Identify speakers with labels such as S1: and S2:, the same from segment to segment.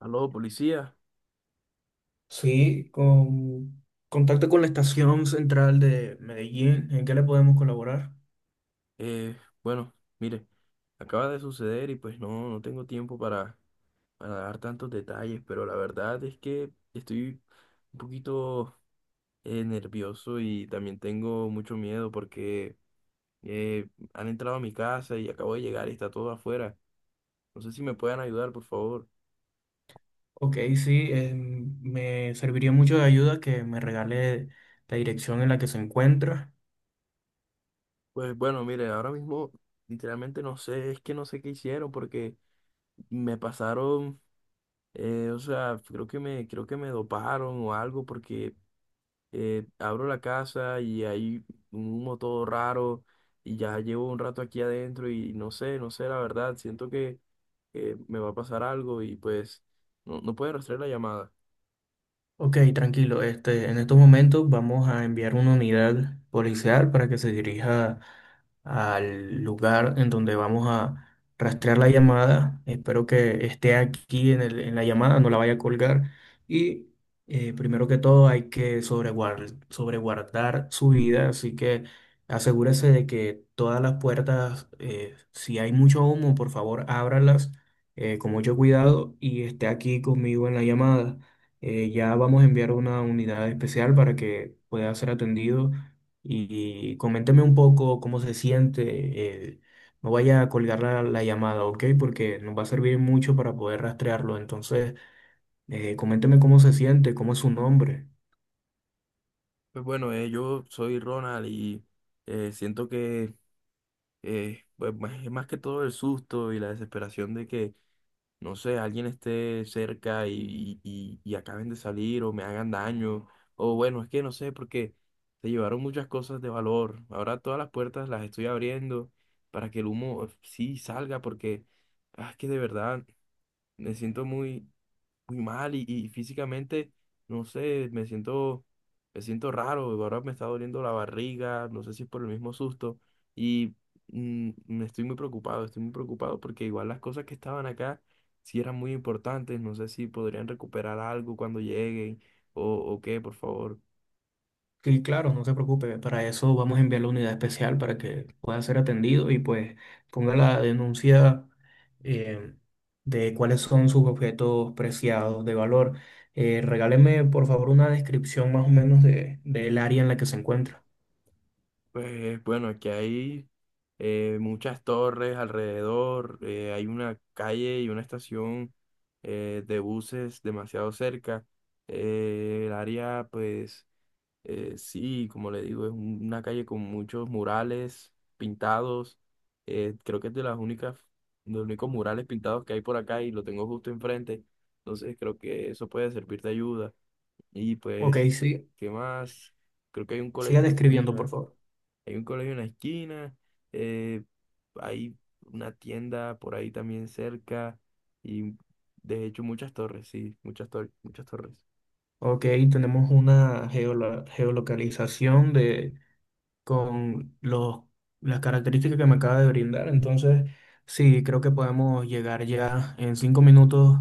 S1: Aló, policía.
S2: Sí, con contacto con la estación central de Medellín, ¿en qué le podemos colaborar?
S1: Eh, bueno, mire, acaba de suceder y pues no, no tengo tiempo para dar tantos detalles, pero la verdad es que estoy un poquito nervioso y también tengo mucho miedo porque han entrado a mi casa y acabo de llegar y está todo afuera. No sé si me pueden ayudar, por favor.
S2: Ok, sí, me serviría mucho de ayuda que me regale la dirección en la que se encuentra.
S1: Pues bueno, mire, ahora mismo literalmente no sé, es que no sé qué hicieron porque me pasaron, o sea, creo que me doparon o algo porque abro la casa y hay un humo todo raro y ya llevo un rato aquí adentro y no sé, no sé, la verdad, siento que me va a pasar algo y pues no, no puede rastrear la llamada.
S2: Ok, tranquilo. Este, en estos momentos vamos a enviar una unidad policial para que se dirija al lugar en donde vamos a rastrear la llamada. Espero que esté aquí en en la llamada, no la vaya a colgar. Y primero que todo hay que sobreguardar su vida, así que asegúrese de que todas las puertas, si hay mucho humo, por favor, ábralas con mucho cuidado y esté aquí conmigo en la llamada. Ya vamos a enviar una unidad especial para que pueda ser atendido y coménteme un poco cómo se siente. eh, no vaya a colgar la llamada, ¿ok? Porque nos va a servir mucho para poder rastrearlo. Entonces, coménteme cómo se siente, cómo es su nombre.
S1: Pues bueno, yo soy Ronald y siento que pues, es más que todo el susto y la desesperación de que no sé, alguien esté cerca y acaben de salir o me hagan daño. O bueno, es que no sé, porque se llevaron muchas cosas de valor. Ahora todas las puertas las estoy abriendo para que el humo sí salga, porque ah, es que de verdad me siento muy, muy mal y físicamente, no sé, me siento raro, ahora me está doliendo la barriga, no sé si es por el mismo susto y me estoy muy preocupado porque igual las cosas que estaban acá sí eran muy importantes, no sé si podrían recuperar algo cuando lleguen o qué, por favor.
S2: Sí, claro, no se preocupe. Para eso vamos a enviar la unidad especial para que pueda ser atendido y pues ponga la denuncia, eh, de cuáles son sus objetos preciados de valor. Regáleme, por favor, una descripción más o menos del área en la que se encuentra.
S1: Pues bueno, aquí hay muchas torres alrededor, hay una calle y una estación de buses demasiado cerca. El área, pues, sí, como le digo, es una calle con muchos murales pintados. Creo que es de las únicas, de los únicos murales pintados que hay por acá y lo tengo justo enfrente. Entonces creo que eso puede servir de ayuda. Y
S2: Ok,
S1: pues,
S2: sí,
S1: ¿qué más? Creo que hay un colegio
S2: siga
S1: en la
S2: describiendo, por
S1: esquina.
S2: favor.
S1: Hay un colegio en la esquina, eh, hay una tienda por ahí también cerca y de hecho muchas torres, sí, muchas torres, muchas torres.
S2: Ok, tenemos una geolocalización de con las características que me acaba de brindar. Entonces, sí, creo que podemos llegar ya en 5 minutos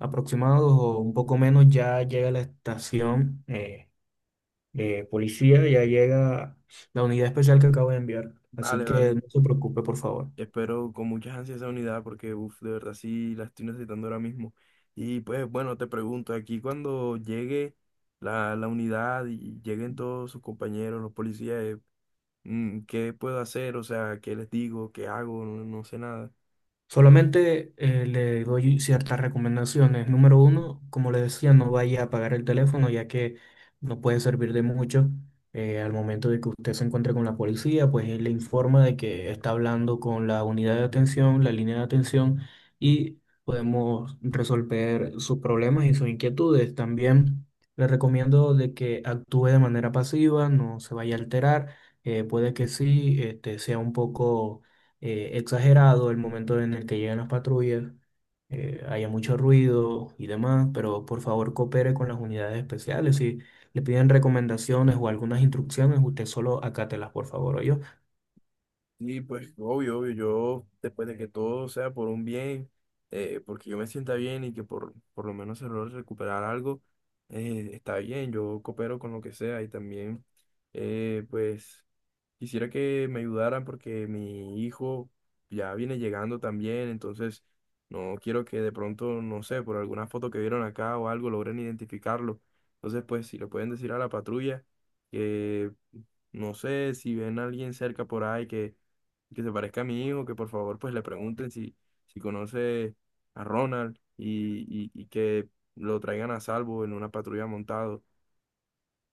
S2: aproximados o un poco menos. Ya llega la estación, de policía, ya llega la unidad especial que acabo de enviar. Así
S1: Vale,
S2: que
S1: vale.
S2: no se preocupe, por favor.
S1: Espero con muchas ansias esa unidad porque, uff, de verdad sí la estoy necesitando ahora mismo. Y pues bueno, te pregunto, aquí cuando llegue la unidad y lleguen todos sus compañeros, los policías, ¿qué puedo hacer? O sea, ¿qué les digo? ¿Qué hago? No, no sé nada.
S2: Solamente le doy ciertas recomendaciones. Número 1, como le decía, no vaya a apagar el teléfono ya que no puede servir de mucho. Al momento de que usted se encuentre con la policía, pues él le informa de que está hablando con la unidad de atención, la línea de atención, y podemos resolver sus problemas y sus inquietudes. También le recomiendo de que actúe de manera pasiva, no se vaya a alterar. Puede que sí, este, sea un poco exagerado el momento en el que llegan las patrullas, haya mucho ruido y demás, pero por favor coopere con las unidades especiales. Si le piden recomendaciones o algunas instrucciones, usted solo acátelas, por favor, yo.
S1: Sí, pues obvio, obvio, yo después de que todo sea por un bien, porque yo me sienta bien y que por lo menos se logre recuperar algo, está bien, yo coopero con lo que sea y también, pues. Quisiera que me ayudaran porque mi hijo ya viene llegando también, entonces no quiero que de pronto, no sé, por alguna foto que vieron acá o algo logren identificarlo. Entonces, pues si le pueden decir a la patrulla que, no sé, si ven a alguien cerca por ahí que se parezca a mi hijo, que por favor pues le pregunten si, si conoce a Ronald y que lo traigan a salvo en una patrulla montado.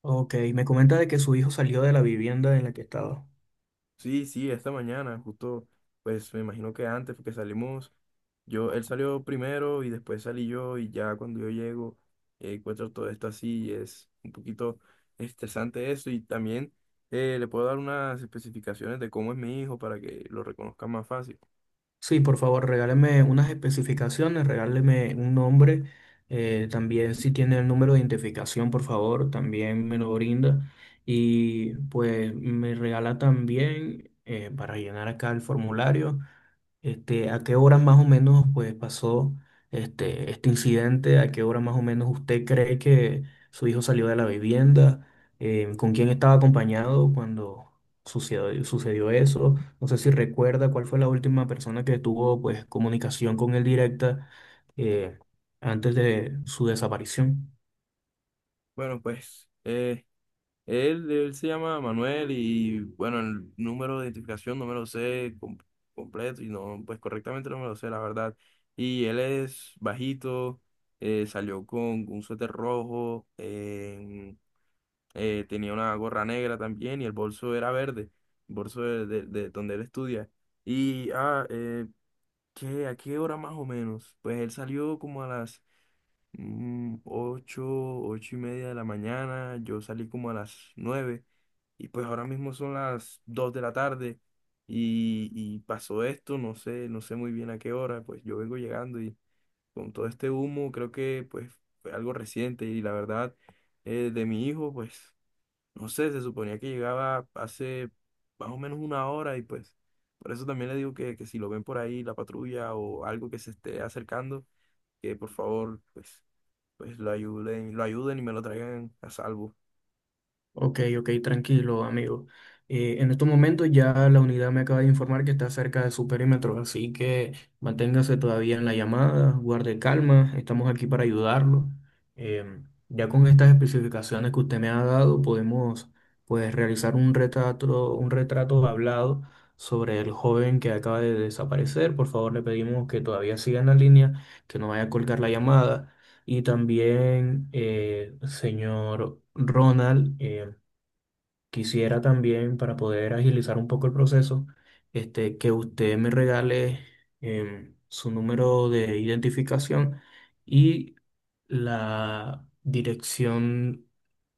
S2: Ok, me comenta de que su hijo salió de la vivienda en la que estaba.
S1: Sí, sí, esta mañana, justo, pues me imagino que antes, porque salimos, yo, él salió primero y después salí yo y ya cuando yo llego, encuentro todo esto así y es un poquito estresante eso y también, le puedo dar unas especificaciones de cómo es mi hijo para que lo reconozca más fácil.
S2: Sí, por favor, regáleme unas especificaciones, regáleme un nombre. También si tiene el número de identificación, por favor, también me lo brinda. Y pues me regala también, para llenar acá el formulario, este, ¿a qué hora más o menos pues pasó este, este incidente? ¿A qué hora más o menos usted cree que su hijo salió de la vivienda? ¿Con quién estaba acompañado cuando sucedió eso? No sé si recuerda cuál fue la última persona que tuvo pues comunicación con él directa, eh, antes de su desaparición.
S1: Bueno, pues, él se llama Manuel y bueno, el número de identificación no me lo sé completo y no, pues correctamente no me lo sé, la verdad. Y él es bajito, salió con un suéter rojo, tenía una gorra negra también y el bolso era verde, el bolso de donde él estudia. Y, ¿a qué hora más o menos? Pues él salió como a las 8, 8:30 de la mañana, yo salí como a las 9 y pues ahora mismo son las 2 de la tarde y pasó esto, no sé, no sé muy bien a qué hora, pues yo vengo llegando y con todo este humo creo que pues fue algo reciente y la verdad, de mi hijo pues no sé, se suponía que llegaba hace más o menos una hora y pues por eso también le digo que si lo ven por ahí la patrulla o algo que se esté acercando, que por favor pues lo ayuden y me lo traigan a salvo.
S2: Ok, ok, tranquilo, amigo. En estos momentos ya la unidad me acaba de informar que está cerca de su perímetro, así que manténgase todavía en la llamada, guarde calma, estamos aquí para ayudarlo. Em, ya con estas especificaciones que usted me ha dado, podemos pues realizar un retrato hablado sobre el joven que acaba de desaparecer. Por favor, le pedimos que todavía siga en la línea, que no vaya a colgar la llamada. Y también, señor Ronald, quisiera también, para poder agilizar un poco el proceso, este, que usted me regale su número de identificación y la dirección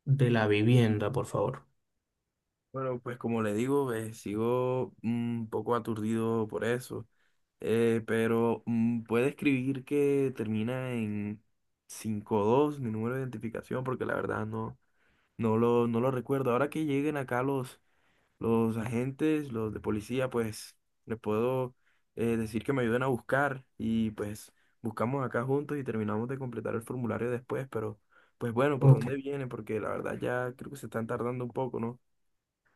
S2: de la vivienda, por favor.
S1: Bueno, pues, como le digo, sigo un poco aturdido por eso, pero puede escribir que termina en 52 mi número de identificación, porque la verdad no, no lo recuerdo. Ahora que lleguen acá los agentes, los de policía, pues les puedo decir que me ayuden a buscar y pues buscamos acá juntos y terminamos de completar el formulario después, pero pues bueno, ¿por
S2: Ok,
S1: dónde viene? Porque la verdad ya creo que se están tardando un poco, ¿no?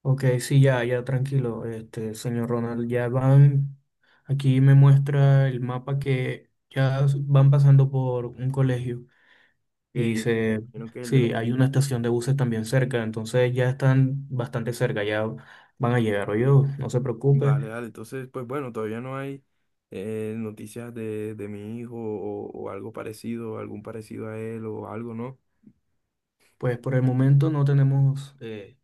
S2: ok, sí, ya, ya, tranquilo, este, señor Ronald, ya van, aquí me muestra el mapa que ya van pasando por un colegio.
S1: Ok,
S2: Y
S1: me
S2: se,
S1: imagino que es el de la
S2: sí, hay una
S1: esquina.
S2: estación de buses también cerca, entonces ya están bastante cerca, ya van a llegar. Oye, no se preocupe,
S1: Vale, vale, entonces pues bueno, todavía no hay noticias de mi hijo o algo parecido, algún parecido a él o algo, ¿no?
S2: pues por el momento no tenemos eh,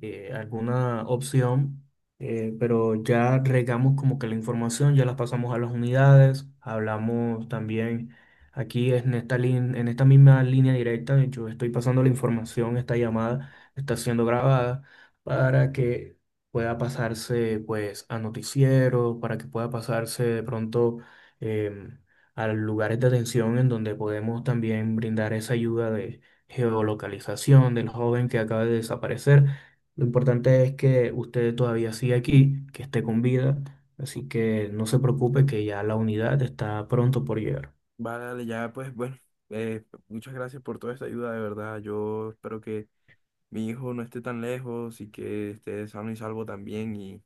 S2: eh, alguna opción, pero ya regamos como que la información, ya las pasamos a las unidades, hablamos también aquí en esta, en esta misma línea directa, yo estoy pasando la información, esta llamada está siendo grabada para que pueda pasarse pues a noticieros, para que pueda pasarse de pronto, em, a lugares de atención en donde podemos también brindar esa ayuda de geolocalización del joven que acaba de desaparecer. Lo importante es que usted todavía sigue aquí, que esté con vida, así que no se preocupe que ya la unidad está pronto por llegar.
S1: Vale, dale, ya pues bueno, muchas gracias por toda esta ayuda, de verdad, yo espero que mi hijo no esté tan lejos y que esté sano y salvo también. Y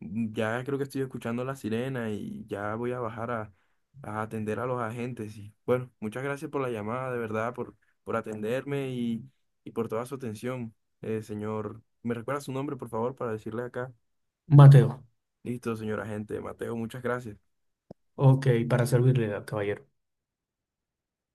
S1: ya creo que estoy escuchando la sirena y ya voy a bajar a atender a los agentes. Y bueno, muchas gracias por la llamada, de verdad, por atenderme y por toda su atención, señor. ¿Me recuerda su nombre, por favor, para decirle acá?
S2: Mateo,
S1: Listo, señor agente. Mateo, muchas gracias.
S2: ok, para servirle, caballero.